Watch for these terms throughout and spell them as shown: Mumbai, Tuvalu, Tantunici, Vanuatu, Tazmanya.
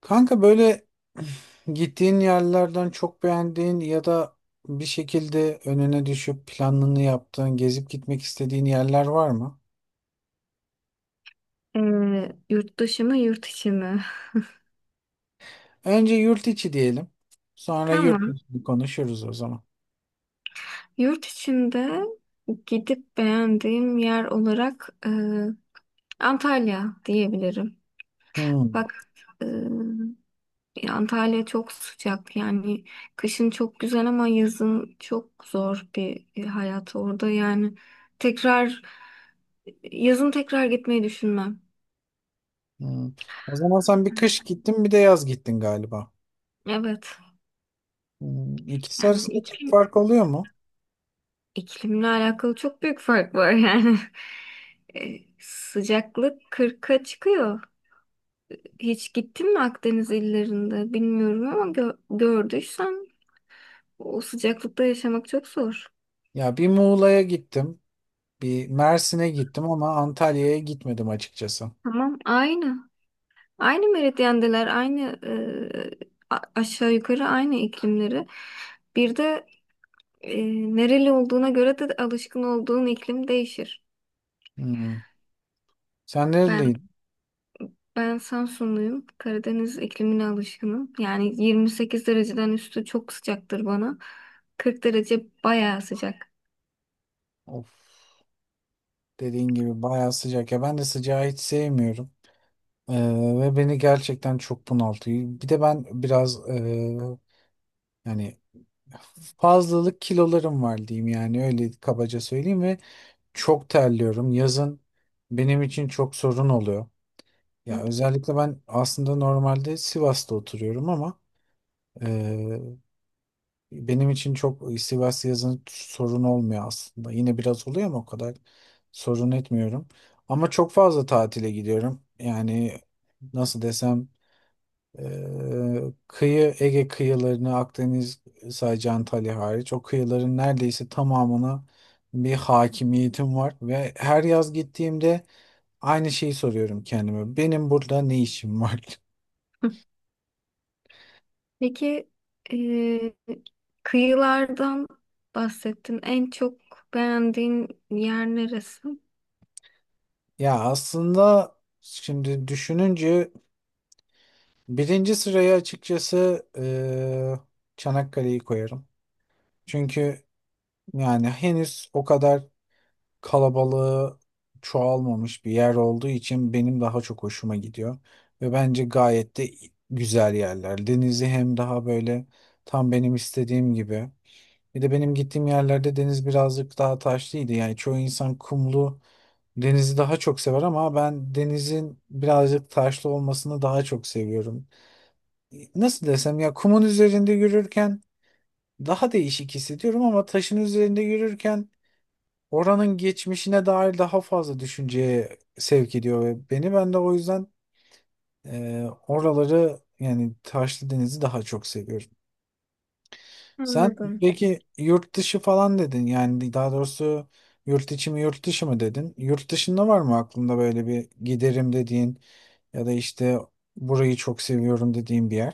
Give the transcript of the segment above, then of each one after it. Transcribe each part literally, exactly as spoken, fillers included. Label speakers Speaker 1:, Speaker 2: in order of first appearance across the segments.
Speaker 1: Kanka böyle gittiğin yerlerden çok beğendiğin ya da bir şekilde önüne düşüp planını yaptığın, gezip gitmek istediğin yerler var mı?
Speaker 2: Ee, yurt dışı mı yurt içi mi?
Speaker 1: Önce yurt içi diyelim. Sonra yurt
Speaker 2: Tamam.
Speaker 1: dışı konuşuruz o zaman.
Speaker 2: Yurt içinde gidip beğendiğim yer olarak e, Antalya diyebilirim.
Speaker 1: Hmm,
Speaker 2: Bak e, Antalya çok sıcak yani kışın çok güzel ama yazın çok zor bir hayat orada yani tekrar yazın tekrar gitmeyi düşünmem.
Speaker 1: hmm. O zaman sen bir kış gittin, bir de yaz gittin galiba.
Speaker 2: Evet.
Speaker 1: Hmm, İkisi
Speaker 2: Yani
Speaker 1: arasında çok
Speaker 2: iki
Speaker 1: fark oluyor mu?
Speaker 2: İklimle alakalı çok büyük fark var yani. E, sıcaklık kırka çıkıyor. Hiç gittin mi Akdeniz illerinde bilmiyorum ama gö- gördüysen o sıcaklıkta yaşamak çok zor.
Speaker 1: Ya bir Muğla'ya gittim, bir Mersin'e gittim ama Antalya'ya gitmedim açıkçası.
Speaker 2: Tamam, aynı. Aynı meridyendeler, aynı e, a- aşağı yukarı aynı iklimleri. Bir de e, nereli olduğuna göre de alışkın olduğun iklim değişir.
Speaker 1: Hmm. Sen
Speaker 2: Ben.
Speaker 1: nereliydin?
Speaker 2: Ben Samsunluyum. Karadeniz iklimine alışkınım. Yani yirmi sekiz dereceden üstü çok sıcaktır bana. kırk derece bayağı sıcak.
Speaker 1: Of. Dediğin gibi bayağı sıcak ya, ben de sıcağı hiç sevmiyorum. Ee, Ve beni gerçekten çok bunaltıyor. Bir de ben biraz ee, yani fazlalık kilolarım var diyeyim, yani öyle kabaca söyleyeyim, ve çok terliyorum. Yazın benim için çok sorun oluyor. Ya özellikle ben aslında normalde Sivas'ta oturuyorum, ama benim için çok istivası yazın sorun olmuyor aslında. Yine biraz oluyor ama o kadar sorun etmiyorum. Ama çok fazla tatile gidiyorum. Yani nasıl desem, e, kıyı Ege kıyılarını, Akdeniz, sadece Antalya hariç o kıyıların neredeyse tamamına bir hakimiyetim var ve her yaz gittiğimde aynı şeyi soruyorum kendime: benim burada ne işim var?
Speaker 2: Hı. Peki eee, kıyılardan bahsettin. En çok beğendiğin yer neresi?
Speaker 1: Ya aslında şimdi düşününce birinci sıraya açıkçası eee, Çanakkale'yi koyarım. Çünkü yani henüz o kadar kalabalığı çoğalmamış bir yer olduğu için benim daha çok hoşuma gidiyor. Ve bence gayet de güzel yerler. Denizi hem daha böyle tam benim istediğim gibi. Bir de benim gittiğim yerlerde deniz birazcık daha taşlıydı. Yani çoğu insan kumlu denizi daha çok sever ama ben denizin birazcık taşlı olmasını daha çok seviyorum. Nasıl desem, ya kumun üzerinde yürürken daha değişik hissediyorum ama taşın üzerinde yürürken oranın geçmişine dair daha fazla düşünceye sevk ediyor ve beni, ben de o yüzden e, oraları, yani Taşlı Deniz'i daha çok seviyorum. Sen
Speaker 2: Anladım.
Speaker 1: peki yurt dışı falan dedin, yani daha doğrusu yurt içi mi yurt dışı mı dedin? Yurt dışında var mı aklında böyle bir giderim dediğin ya da işte burayı çok seviyorum dediğin bir yer?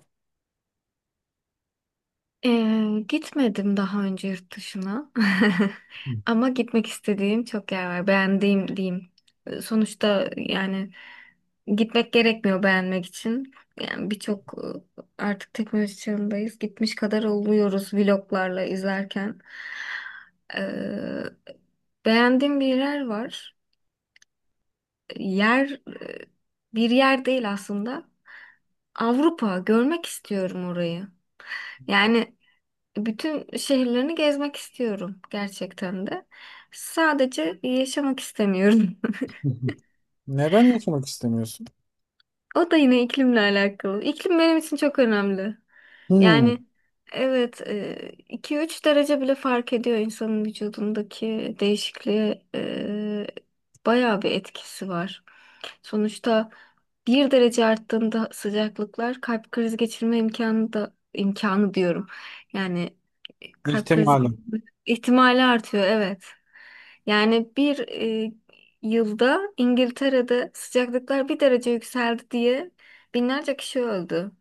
Speaker 2: Ee, gitmedim daha önce yurt dışına. Ama gitmek istediğim çok yer var. Beğendiğim diyeyim. Sonuçta yani gitmek gerekmiyor beğenmek için. Yani birçok e, artık teknoloji çağındayız. Gitmiş kadar oluyoruz vloglarla izlerken. Ee, Beğendiğim bir yer var. Yer e, Bir yer değil aslında. Avrupa görmek istiyorum orayı. Yani bütün şehirlerini gezmek istiyorum gerçekten de. Sadece yaşamak istemiyorum.
Speaker 1: Neden yaşamak istemiyorsun?
Speaker 2: O da yine iklimle alakalı. İklim benim için çok önemli.
Speaker 1: Hmm,
Speaker 2: Yani evet, e, iki üç derece bile fark ediyor insanın vücudundaki değişikliğe, e, bayağı bir etkisi var. Sonuçta bir derece arttığında sıcaklıklar kalp krizi geçirme imkanı, da imkanı diyorum. Yani e, kalp krizi
Speaker 1: ihtimalim.
Speaker 2: ihtimali artıyor, evet. Yani bir, e, yılda İngiltere'de sıcaklıklar bir derece yükseldi diye binlerce kişi öldü.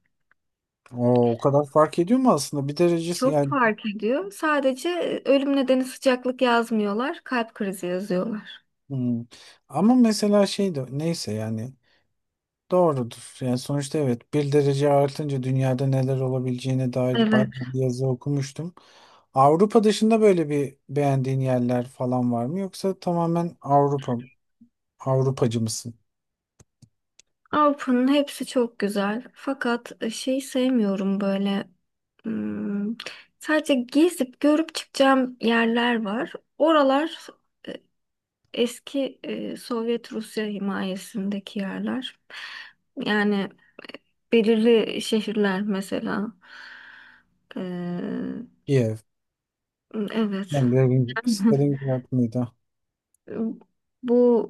Speaker 1: O, o kadar fark ediyor mu aslında? Bir derecesi
Speaker 2: Çok
Speaker 1: yani,
Speaker 2: fark ediyor. Sadece e, ölüm nedeni sıcaklık yazmıyorlar, kalp krizi yazıyorlar.
Speaker 1: hmm. Ama mesela şey de neyse yani doğrudur. Yani sonuçta evet, bir derece artınca dünyada neler olabileceğine dair bayağı
Speaker 2: Evet.
Speaker 1: bir yazı okumuştum. Avrupa dışında böyle bir beğendiğin yerler falan var mı? Yoksa tamamen Avrupa Avrupacı mısın?
Speaker 2: Avrupa'nın hepsi çok güzel. Fakat e, şeyi sevmiyorum böyle. Hmm, sadece gezip görüp çıkacağım yerler var. Oralar, e, eski, e, Sovyet Rusya himayesindeki yerler. Yani belirli şehirler mesela. Ee,
Speaker 1: Kiev.
Speaker 2: evet.
Speaker 1: Ben Lenin- Stalingrad mıydı?
Speaker 2: Bu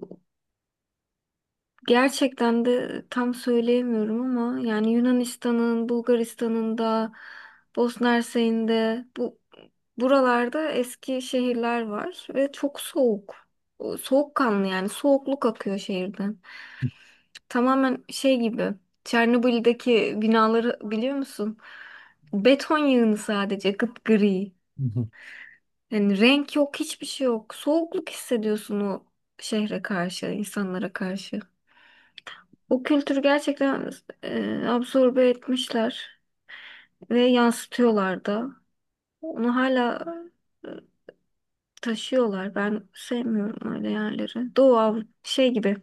Speaker 2: Gerçekten de tam söyleyemiyorum ama yani Yunanistan'ın, Bulgaristan'ın da, Bosna Hersek'in de bu buralarda eski şehirler var ve çok soğuk. O, soğukkanlı yani soğukluk akıyor şehirden. Tamamen şey gibi, Çernobil'deki binaları biliyor musun? Beton yığını sadece, gri.
Speaker 1: Hı hı.
Speaker 2: Yani renk yok, hiçbir şey yok. Soğukluk hissediyorsun o şehre karşı, insanlara karşı. O kültürü gerçekten e, absorbe etmişler ve yansıtıyorlar da. Onu hala e, taşıyorlar. Ben sevmiyorum öyle yerleri. Doğu Av- şey gibi,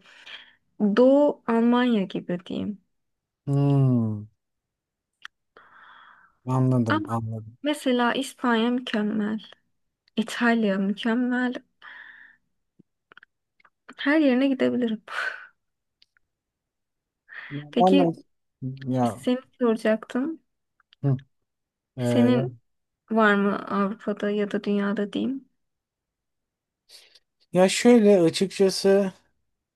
Speaker 2: Doğu Almanya gibi diyeyim.
Speaker 1: Hmm, Anladım,
Speaker 2: Ama
Speaker 1: anladım.
Speaker 2: mesela İspanya mükemmel, İtalya mükemmel. Her yerine gidebilirim.
Speaker 1: Ya ben de,
Speaker 2: Peki
Speaker 1: ya,
Speaker 2: seni soracaktım.
Speaker 1: hı,
Speaker 2: Senin var mı Avrupa'da ya da dünyada diyeyim?
Speaker 1: ya şöyle açıkçası,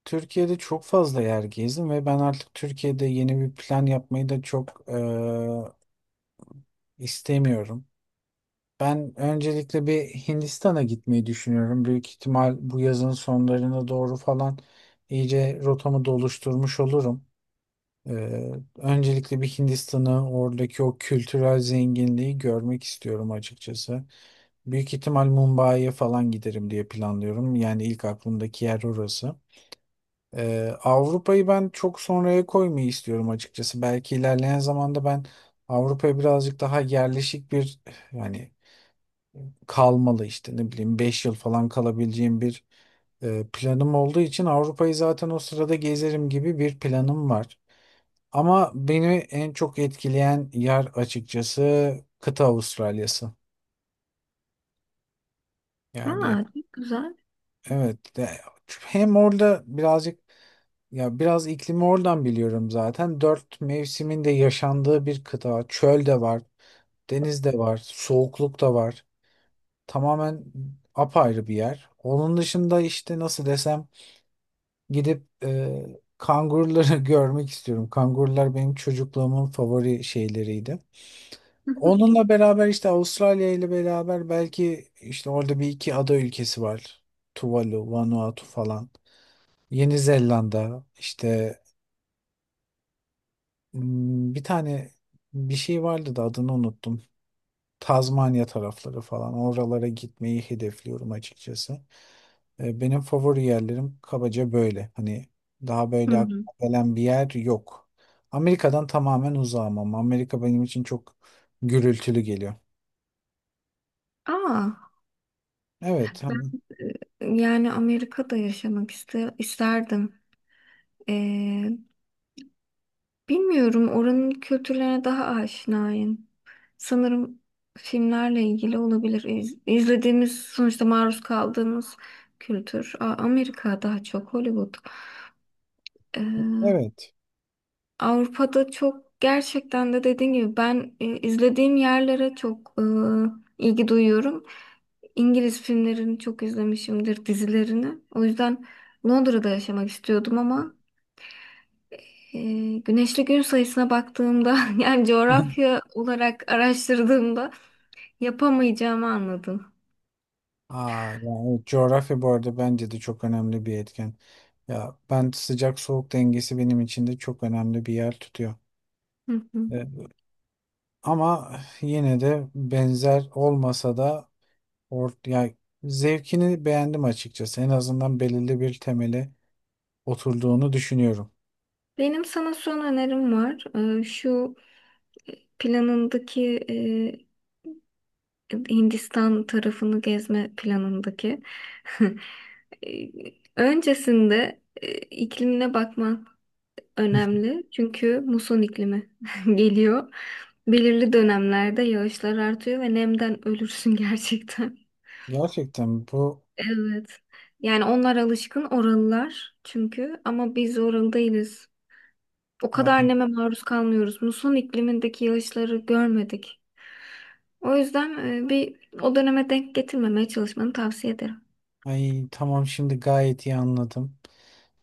Speaker 1: Türkiye'de çok fazla yer gezdim ve ben artık Türkiye'de yeni bir plan yapmayı da çok e, istemiyorum. Ben öncelikle bir Hindistan'a gitmeyi düşünüyorum. Büyük ihtimal bu yazın sonlarına doğru falan iyice rotamı da oluşturmuş olurum. E, Öncelikle bir Hindistan'ı, oradaki o kültürel zenginliği görmek istiyorum açıkçası. Büyük ihtimal Mumbai'ye falan giderim diye planlıyorum. Yani ilk aklımdaki yer orası. Ee, Avrupa'yı ben çok sonraya koymayı istiyorum açıkçası. Belki ilerleyen zamanda ben Avrupa'ya birazcık daha yerleşik bir, yani kalmalı, işte ne bileyim beş yıl falan kalabileceğim bir e, planım olduğu için Avrupa'yı zaten o sırada gezerim gibi bir planım var. Ama beni en çok etkileyen yer açıkçası kıta Avustralya'sı. Yani
Speaker 2: Aa, çok güzel.
Speaker 1: evet. de- Hem orada birazcık, ya biraz iklimi oradan biliyorum zaten. Dört mevsimin de yaşandığı bir kıta. Çöl de var, deniz de var, soğukluk da var. Tamamen apayrı bir yer. Onun dışında işte nasıl desem, gidip e, kanguruları görmek istiyorum. Kangurular benim çocukluğumun favori şeyleriydi.
Speaker 2: Hı
Speaker 1: Onunla beraber işte, Avustralya ile beraber belki işte orada bir iki ada ülkesi var. Tuvalu, Vanuatu falan. Yeni Zelanda işte, hmm, bir tane bir şey vardı da adını unuttum. Tazmanya tarafları falan oralara gitmeyi hedefliyorum açıkçası. E, Benim favori yerlerim kabaca böyle. Hani daha böyle aklıma
Speaker 2: hı.
Speaker 1: gelen bir yer yok. Amerika'dan tamamen uzağım ama Amerika benim için çok gürültülü geliyor.
Speaker 2: Aa.
Speaker 1: Evet, hani-
Speaker 2: E, Yani Amerika'da yaşamak iste isterdim. Ee, Bilmiyorum, oranın kültürlerine daha aşinayım. Sanırım filmlerle ilgili olabilir. İz- İzlediğimiz sonuçta maruz kaldığımız kültür. A- Amerika daha çok Hollywood. Ee,
Speaker 1: evet.
Speaker 2: Avrupa'da çok gerçekten de dediğin gibi ben, e, izlediğim yerlere çok e, ilgi duyuyorum. İngiliz filmlerini çok izlemişimdir, dizilerini. O yüzden Londra'da yaşamak istiyordum ama, e, güneşli gün sayısına baktığımda yani coğrafya olarak araştırdığımda yapamayacağımı anladım.
Speaker 1: Aa, yani evet, coğrafya bu arada bence de çok önemli bir etken. Ya ben, sıcak soğuk dengesi benim için de çok önemli bir yer tutuyor.
Speaker 2: Hı hı.
Speaker 1: Ee, Ama yine de benzer olmasa da or ya zevkini beğendim açıkçası. En azından belirli bir temeli oturduğunu düşünüyorum.
Speaker 2: Benim sana son önerim var. E, şu planındaki, e, Hindistan tarafını gezme planındaki. E, Öncesinde e, iklimine bakman önemli çünkü muson iklimi geliyor. Belirli dönemlerde yağışlar artıyor ve nemden ölürsün gerçekten.
Speaker 1: Gerçekten bu,
Speaker 2: Evet. Yani onlar alışkın, oralılar çünkü, ama biz oralı değiliz. O kadar
Speaker 1: ay,
Speaker 2: neme maruz kalmıyoruz. Muson iklimindeki yağışları görmedik. O yüzden e, bir o döneme denk getirmemeye çalışmanı tavsiye ederim.
Speaker 1: ay tamam, şimdi gayet iyi anladım.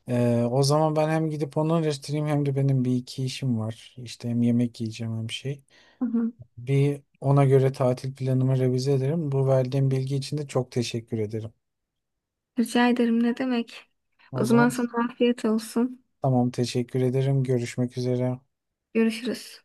Speaker 1: Ee, o zaman ben hem gidip onu araştırayım, hem de benim bir iki işim var. İşte hem yemek yiyeceğim, hem şey.
Speaker 2: Hı hı.
Speaker 1: Bir ona göre tatil planımı revize ederim. Bu verdiğin bilgi için de çok teşekkür ederim.
Speaker 2: Rica ederim, ne demek.
Speaker 1: O
Speaker 2: O
Speaker 1: zaman
Speaker 2: zaman sana afiyet olsun.
Speaker 1: tamam, teşekkür ederim. Görüşmek üzere.
Speaker 2: Görüşürüz.